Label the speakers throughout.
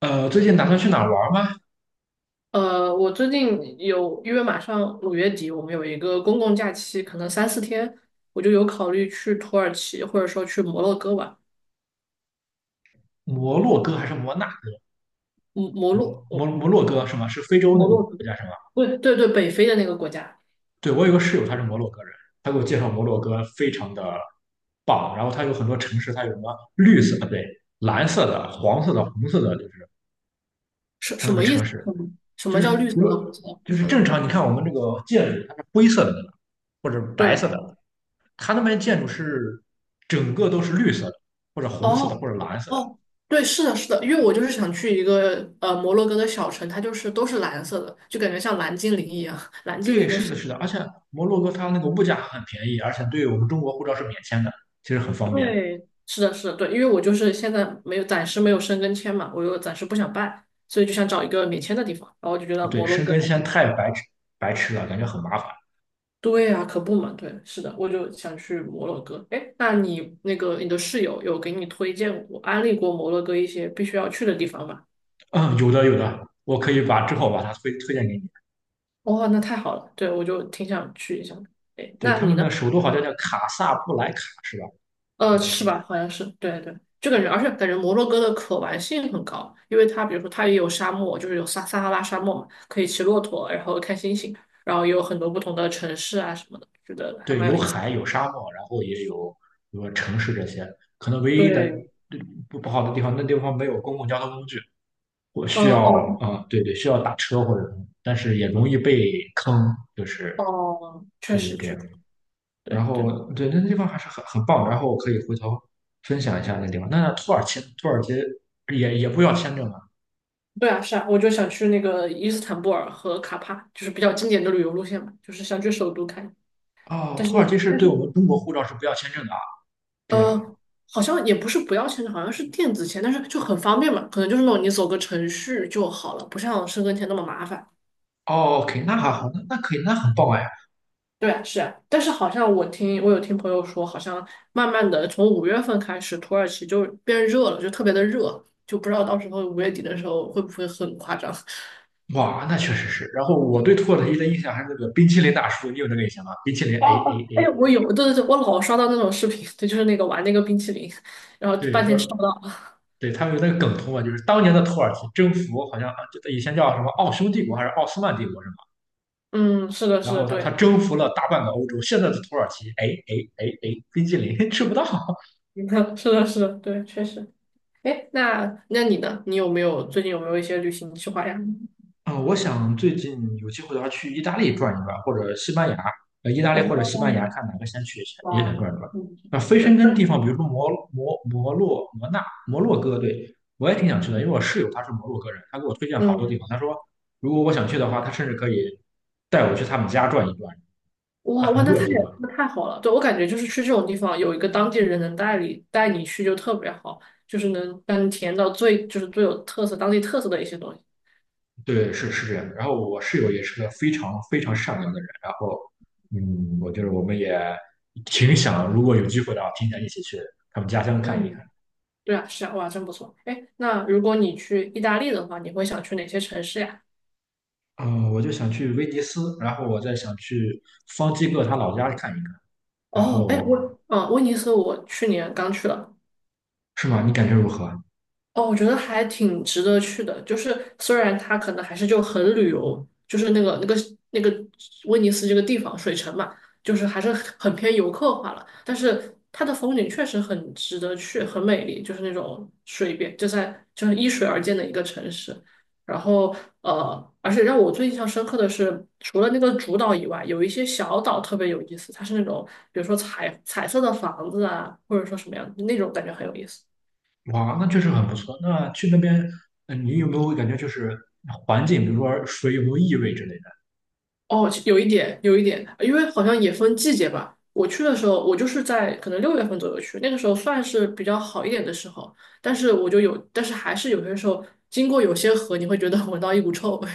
Speaker 1: 最近打算去哪儿玩吗？
Speaker 2: 我最近有，因为马上五月底，我们有一个公共假期，可能三四天，我就有考虑去土耳其，或者说去摩洛哥玩。
Speaker 1: 摩洛哥还是摩纳？
Speaker 2: 摩摩
Speaker 1: 摩
Speaker 2: 洛，
Speaker 1: 摩
Speaker 2: 哦。
Speaker 1: 摩洛哥
Speaker 2: 嗯。
Speaker 1: 是吗？是非洲那
Speaker 2: 摩
Speaker 1: 个
Speaker 2: 洛哥，
Speaker 1: 国家是吗？
Speaker 2: 对对对，北非的那个国家。
Speaker 1: 对，我有个室友，他是摩洛哥人，他给我介绍摩洛哥非常的棒，然后他有很多城市，它有什么绿色，啊对，蓝色的、黄色的、红色的，就是
Speaker 2: 什
Speaker 1: 它
Speaker 2: 什
Speaker 1: 那个
Speaker 2: 么意
Speaker 1: 城
Speaker 2: 思？
Speaker 1: 市，
Speaker 2: 什么什
Speaker 1: 就
Speaker 2: 么叫
Speaker 1: 是
Speaker 2: 绿色
Speaker 1: 如果
Speaker 2: 的红色的
Speaker 1: 就
Speaker 2: 红
Speaker 1: 是
Speaker 2: 色
Speaker 1: 正
Speaker 2: 的？
Speaker 1: 常，你看我们这个建筑，它是灰色的对吧，或者白色
Speaker 2: 对，
Speaker 1: 的，它那边建筑是整个都是绿色的，或者红色的，
Speaker 2: 哦
Speaker 1: 或者蓝色的。
Speaker 2: 哦，对，是的，是的，因为我就是想去一个摩洛哥的小城，它就是都是蓝色的，就感觉像蓝精灵一样，蓝精
Speaker 1: 对，
Speaker 2: 灵的
Speaker 1: 是
Speaker 2: 世。
Speaker 1: 的，是的，而且摩洛哥它那个物价很便宜，而且对我们中国护照是免签的，其实很方便。
Speaker 2: 对，是的，是的，对，因为我就是现在没有，暂时没有申根签嘛，我又暂时不想办，所以就想找一个免签的地方，然后我就觉得
Speaker 1: 对，
Speaker 2: 摩洛
Speaker 1: 申
Speaker 2: 哥
Speaker 1: 根
Speaker 2: 还
Speaker 1: 签
Speaker 2: 挺。
Speaker 1: 太白痴了，感觉很麻烦。
Speaker 2: 对呀，可不嘛，对，是的，我就想去摩洛哥。哎，那你那个你的室友有给你推荐过、安利过摩洛哥一些必须要去的地方吗？
Speaker 1: 嗯，有的有的，我可以把之后把它推荐给你。
Speaker 2: 哦，那太好了，对，我就挺想去一下的。哎，
Speaker 1: 对，
Speaker 2: 那
Speaker 1: 他
Speaker 2: 你
Speaker 1: 们
Speaker 2: 呢？
Speaker 1: 的首都好像叫卡萨布莱卡，是吧？我记得
Speaker 2: 是
Speaker 1: 是。
Speaker 2: 吧？好像是，对对，就感觉，而且感觉摩洛哥的可玩性很高，因为它比如说它也有沙漠，就是有撒哈拉沙漠嘛，可以骑骆驼，然后看星星，然后也有很多不同的城市啊什么的，觉得还
Speaker 1: 对，
Speaker 2: 蛮
Speaker 1: 有
Speaker 2: 有意思。
Speaker 1: 海，有沙漠，然后也有比如说城市这些。可能唯一的，
Speaker 2: 对，
Speaker 1: 对，不好的地方，那地方没有公共交通工具，我需
Speaker 2: 嗯，
Speaker 1: 要，
Speaker 2: 哦
Speaker 1: 对对，需要打车或者什么，但是也容易被坑，就是
Speaker 2: 哦，确
Speaker 1: 对对
Speaker 2: 实
Speaker 1: 对。
Speaker 2: 确实，对
Speaker 1: 然后，
Speaker 2: 对
Speaker 1: 对，那个地方还是很棒的。然后我可以回头分享一下那地方。那土耳其，土耳其也不要签证啊？
Speaker 2: 对啊，是啊，我就想去那个伊斯坦布尔和卡帕，就是比较经典的旅游路线嘛，就是想去首都看，
Speaker 1: 哦，
Speaker 2: 但是
Speaker 1: 土耳其是
Speaker 2: 但是。
Speaker 1: 对我们中国护照是不要签证的啊？这
Speaker 2: 呃，
Speaker 1: 样。
Speaker 2: 好像也不是不要钱的，好像是电子签，但是就很方便嘛，可能就是那种你走个程序就好了，不像申根签那么麻烦。
Speaker 1: 哦，OK，那还好，那可以，那很棒哎。
Speaker 2: 对啊，是啊，但是好像我有听朋友说，好像慢慢的从五月份开始，土耳其就变热了，就特别的热，就不知道到时候五月底的时候会不会很夸张。
Speaker 1: 哇，那确实是。然后我对土耳其的印象还是那个冰淇淋大叔，你有那个印象吗？冰淇淋，a a
Speaker 2: 哦哦，哎，
Speaker 1: a
Speaker 2: 我
Speaker 1: 哎，
Speaker 2: 有，对对对，我老刷到那种视频，对，就是那个玩那个冰淇淋，然后
Speaker 1: 对，
Speaker 2: 半天吃不
Speaker 1: 说，
Speaker 2: 到。
Speaker 1: 对他们有那个梗图嘛，就是当年的土耳其征服好像啊，这以前叫什么奥匈帝国还是奥斯曼帝国是吧？
Speaker 2: 嗯，是的，
Speaker 1: 然
Speaker 2: 是的，
Speaker 1: 后他
Speaker 2: 对，
Speaker 1: 征服了大半个欧洲，现在的土耳其，哎哎哎哎，冰激凌吃不到。
Speaker 2: 是的，是的，对，确实。哎，那你呢？你最近有没有一些旅行计划呀？
Speaker 1: 嗯，我想最近有机会的话去意大利转一转，或者西班牙，意大利或者
Speaker 2: 哦，
Speaker 1: 西班牙，看哪个先去也想
Speaker 2: 哇，
Speaker 1: 转一转。
Speaker 2: 嗯，
Speaker 1: 那非 申
Speaker 2: 对，
Speaker 1: 根地
Speaker 2: 那。
Speaker 1: 方，比如说摩洛哥，对我也挺想去的，因为我室友他是摩洛哥人，他给我推荐好多地
Speaker 2: 嗯，
Speaker 1: 方，他说如果我想去的话，他甚至可以带我去他们家转一转，他
Speaker 2: 哇哇，
Speaker 1: 很
Speaker 2: 那
Speaker 1: 热
Speaker 2: 太
Speaker 1: 情啊。
Speaker 2: 那太好了。对，我感觉就是去这种地方，有一个当地人能带你去就特别好，就是能让你体验到最就是最有特色当地特色的一些东西。
Speaker 1: 对，是这样的。然后我室友也是个非常非常善良的人。然后，我就是我们也挺想，如果有机会的话，挺想一起去他们家乡看一看。
Speaker 2: 嗯，对啊，是啊，哇，真不错。哎，那如果你去意大利的话，你会想去哪些城市呀？
Speaker 1: 嗯、我就想去威尼斯，然后我再想去方基哥他老家看一看。然
Speaker 2: 哦，哎，
Speaker 1: 后
Speaker 2: 威尼斯我去年刚去了。
Speaker 1: 是吗？你感觉如何啊？
Speaker 2: 哦，我觉得还挺值得去的。就是虽然它可能还是就很旅游，就是那个威尼斯这个地方水城嘛，就是还是很偏游客化了。但是它的风景确实很值得去，很美丽，就是那种水边，就是依水而建的一个城市。然后而且让我最印象深刻的是，除了那个主岛以外，有一些小岛特别有意思，它是那种比如说彩色的房子啊，或者说什么样那种感觉很有意思。
Speaker 1: 哇，那确实很不错。那去那边，你有没有感觉就是环境，比如说水有没有异味之类的？
Speaker 2: 哦，有一点，有一点，因为好像也分季节吧。我去的时候，我就是在可能六月份左右去，那个时候算是比较好一点的时候。但是我就有，但是还是有些时候经过有些河，你会觉得闻到一股臭味。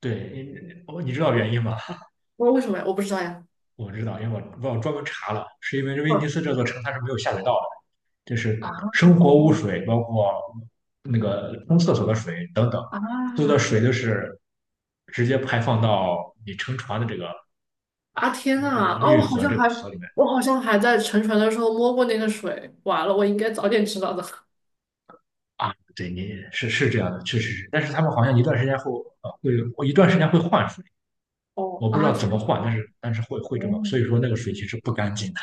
Speaker 1: 对，你知道原因吗？
Speaker 2: 我说为什么呀？我不知道呀。
Speaker 1: 我知道，因为我专门查了，是因为威尼
Speaker 2: 嗯
Speaker 1: 斯这座城它是没有下水道的。就是
Speaker 2: 啊，
Speaker 1: 生活
Speaker 2: 哦
Speaker 1: 污水，包括那个冲厕所的水等等，所有的
Speaker 2: 啊
Speaker 1: 水都是直接排放到你乘船的这个
Speaker 2: 啊！
Speaker 1: 这
Speaker 2: 天
Speaker 1: 个
Speaker 2: 呐，
Speaker 1: 这个
Speaker 2: 啊，我
Speaker 1: 运
Speaker 2: 好
Speaker 1: 河
Speaker 2: 像还
Speaker 1: 河里面
Speaker 2: 我好像还在沉船的时候摸过那个水，完了，我应该早点知道的。
Speaker 1: 啊。对，你是这样的，确实是。但是他们好像一段时间后，会，我一段时间会换水，
Speaker 2: 哦
Speaker 1: 我不知
Speaker 2: 啊
Speaker 1: 道
Speaker 2: 天
Speaker 1: 怎么
Speaker 2: 呐，
Speaker 1: 换，但是会这么，所以说
Speaker 2: 哦
Speaker 1: 那个水其实不干净的。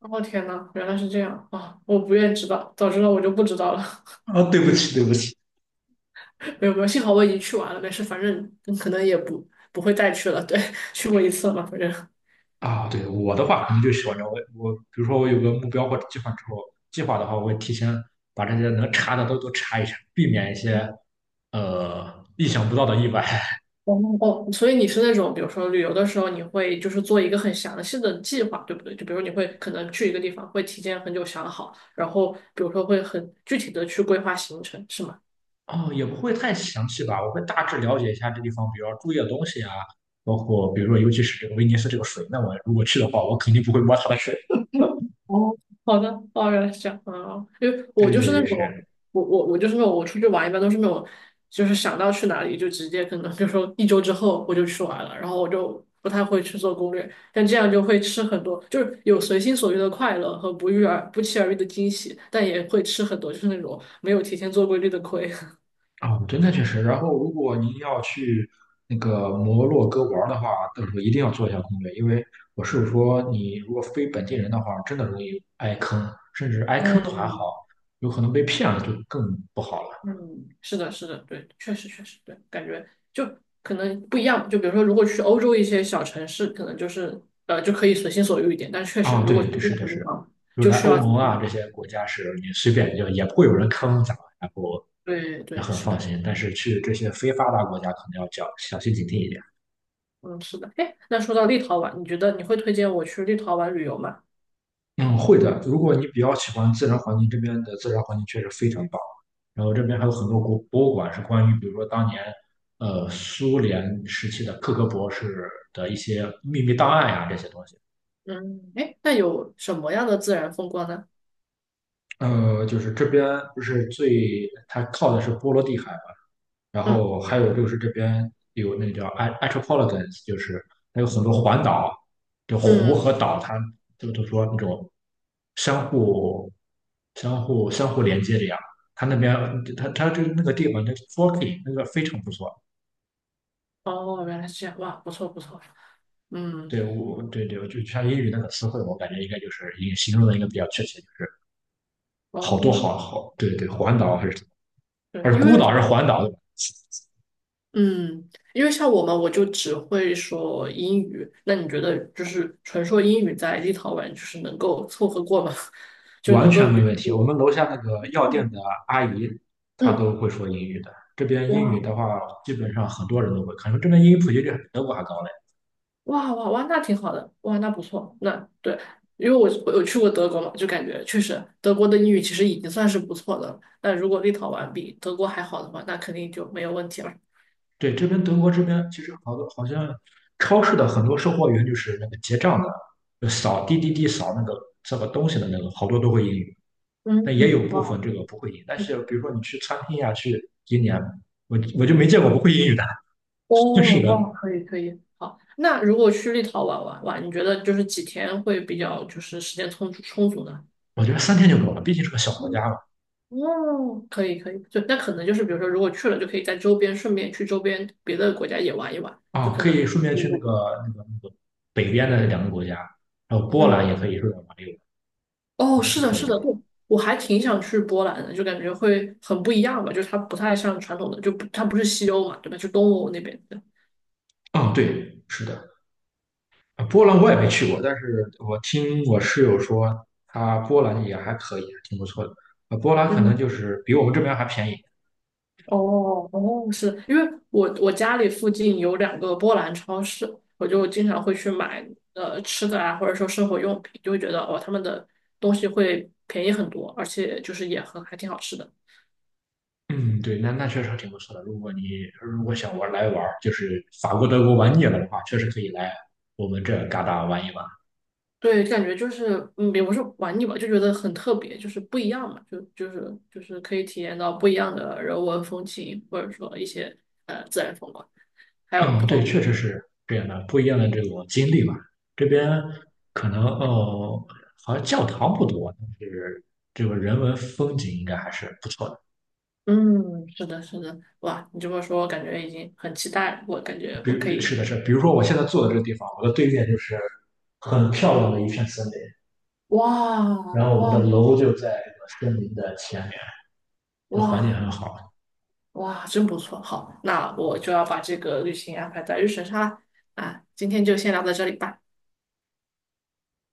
Speaker 2: 哦天呐，原来是这样啊！我不愿知道，早知道我就不知道了。
Speaker 1: 啊，对不起，对不起。
Speaker 2: 没有没有，幸好我已经去完了，没事，反正可能也不会再去了。对，去过一次了嘛，反正。
Speaker 1: 啊，对，我的话可能就喜欢，我比如说我有个目标或者计划之后，计划的话，我会提前把这些能查的都查一查，避免一些意想不到的意外。
Speaker 2: 哦哦，所以你是那种，比如说旅游的时候，你会就是做一个很详细的计划，对不对？就比如你会可能去一个地方，会提前很久想好，然后比如说会很具体的去规划行程，是吗？
Speaker 1: 哦，也不会太详细吧，我会大致了解一下这地方，比如要注意的东西啊，包括比如说尤其是这个威尼斯这个水，那我如果去的话，我肯定不会摸它的水。
Speaker 2: 哦，好的，哦，原来是这样啊，因为我
Speaker 1: 对
Speaker 2: 就是
Speaker 1: 对
Speaker 2: 那
Speaker 1: 对，
Speaker 2: 种，
Speaker 1: 是。
Speaker 2: 我就是那种，我出去玩一般都是那种，就是想到去哪里就直接可能就说一周之后我就去玩了，然后我就不太会去做攻略，但这样就会吃很多，就是有随心所欲的快乐和不期而遇的惊喜，但也会吃很多就是那种没有提前做规律的亏。
Speaker 1: 啊，真的确实。然后，如果您要去那个摩洛哥玩儿的话，到时候一定要做一下攻略，因为我是说，你如果非本地人的话，真的容易挨坑，甚至挨坑都还好，
Speaker 2: 嗯，
Speaker 1: 有可能被骗了就更不好了。
Speaker 2: 嗯，是的，是的，对，确实确实对，感觉就可能不一样。就比如说，如果去欧洲一些小城市，可能就是就可以随心所欲一点，但确实
Speaker 1: 啊，
Speaker 2: 如果
Speaker 1: 对，
Speaker 2: 去
Speaker 1: 对，
Speaker 2: 这
Speaker 1: 是
Speaker 2: 种
Speaker 1: 的，是
Speaker 2: 地
Speaker 1: 的。
Speaker 2: 方，
Speaker 1: 比如
Speaker 2: 就
Speaker 1: 来
Speaker 2: 需
Speaker 1: 欧
Speaker 2: 要提
Speaker 1: 盟啊
Speaker 2: 前。
Speaker 1: 这些国家是你随便就也不会有人坑咱们，然后
Speaker 2: 对
Speaker 1: 也
Speaker 2: 对，
Speaker 1: 很
Speaker 2: 是
Speaker 1: 放
Speaker 2: 的，
Speaker 1: 心。但是去这些非发达国家可能要较小心警惕一点。
Speaker 2: 嗯，是的。哎，那说到立陶宛，你觉得你会推荐我去立陶宛旅游吗？
Speaker 1: 嗯，会的。如果你比较喜欢自然环境，这边的自然环境确实非常棒。然后这边还有很多国博物馆是关于，比如说当年，苏联时期的克格勃是的一些秘密档案呀、这些东西。
Speaker 2: 嗯，哎，那有什么样的自然风光呢？
Speaker 1: 就是这边不是最，它靠的是波罗的海嘛，然
Speaker 2: 嗯
Speaker 1: 后还有就是这边有那个叫 Atropologans，就是还有很多环岛，就湖
Speaker 2: 嗯，
Speaker 1: 和岛，它就说那种相互、相互连接这样。它那边，它就是那个地方，那 f o r k i n g 那个非常不错。
Speaker 2: 哦，原来是这样，哇，不错不错。嗯，
Speaker 1: 对，我对对，就像英语那个词汇，我感觉应该就是也形容的应该比较确切，就是好多
Speaker 2: 哦，
Speaker 1: 好好，对对，环岛还是什么，
Speaker 2: 对，
Speaker 1: 还是
Speaker 2: 因
Speaker 1: 孤
Speaker 2: 为
Speaker 1: 岛还是环岛，
Speaker 2: 嗯，因为像我们，我就只会说英语。那你觉得，就是纯说英语在立陶宛，就是能够凑合过吗？就
Speaker 1: 完
Speaker 2: 能够
Speaker 1: 全没
Speaker 2: 捋
Speaker 1: 问题。我们
Speaker 2: 住？
Speaker 1: 楼下那个药店的阿姨，她
Speaker 2: 嗯，
Speaker 1: 都会说英语的。这边英语
Speaker 2: 哇
Speaker 1: 的话，基本上很多人都会。可能这边英语普及率还比德国还高嘞。
Speaker 2: 哇哇哇，那挺好的，哇，那不错，那对，因为我有去过德国嘛，就感觉确实德国的英语其实已经算是不错的了。那如果立陶宛比德国还好的话，那肯定就没有问题了。
Speaker 1: 对，这边德国这边其实好多好像超市的很多售货员就是那个结账的，就扫滴滴滴扫那个扫个东西的那个，好多都会英语。但也有
Speaker 2: 嗯，
Speaker 1: 部分
Speaker 2: 哇。
Speaker 1: 这个不会英语，但是比如说你去餐厅呀、去今年我就没见过不会英语的。是
Speaker 2: 哦，
Speaker 1: 的，
Speaker 2: 哇，可以可以，好。那如果去立陶宛玩玩，你觉得就是几天会比较就是时间充足呢？
Speaker 1: 我觉得三天就够了，毕竟是个小国家嘛。
Speaker 2: 哦，可以可以，就那可能就是比如说，如果去了，就可以在周边顺便去周边别的国家也玩一玩，就
Speaker 1: 啊，
Speaker 2: 可
Speaker 1: 可
Speaker 2: 能。
Speaker 1: 以顺便去那个北边的两个国家，然后波兰
Speaker 2: 嗯，
Speaker 1: 也可以顺便玩一玩，应
Speaker 2: 哦，
Speaker 1: 该是
Speaker 2: 是的，
Speaker 1: 可以
Speaker 2: 是的，
Speaker 1: 的。
Speaker 2: 对，我还挺想去波兰的，就感觉会很不一样吧，就是它不太像传统的，就不它不是西欧嘛，对吧？就东欧那边的。
Speaker 1: 啊，对，是的。啊波兰我也没去过，但是我听我室友说，他波兰也还可以，挺不错的。啊，波兰可能
Speaker 2: 嗯，
Speaker 1: 就是比我们这边还便宜。
Speaker 2: 哦哦，是因为我家里附近有两个波兰超市，我就经常会去买吃的啊，或者说生活用品，就会觉得哦他们的东西会便宜很多，而且就是也很还挺好吃的。
Speaker 1: 嗯，对，那确实挺不错的。如果想玩来玩儿就是法国、德国玩腻了的话，确实可以来我们这嘎达玩一玩。
Speaker 2: 对，感觉就是也不是玩腻吧，就觉得很特别，就是不一样嘛，就是可以体验到不一样的人文风情，或者说一些自然风光，还有不
Speaker 1: 嗯，对，
Speaker 2: 同的。
Speaker 1: 确实是这样的，不一样的这种经历吧。这边可能哦，好像教堂不多，但是这个人文风景应该还是不错的。
Speaker 2: 嗯，是的，是的，哇，你这么说，我感觉已经很期待了，我感觉
Speaker 1: 比
Speaker 2: 我
Speaker 1: 如
Speaker 2: 可
Speaker 1: 比是
Speaker 2: 以。
Speaker 1: 的是的，比如说我现在坐的这个地方，我的对面就是很漂亮的一片森林，
Speaker 2: 哇
Speaker 1: 然后我们的
Speaker 2: 哇
Speaker 1: 楼就在这个森林的前面，就环境
Speaker 2: 哇
Speaker 1: 很好。
Speaker 2: 哇，真不错！好，那我就要把这个旅行安排在日程上了。啊，今天就先聊到这里吧。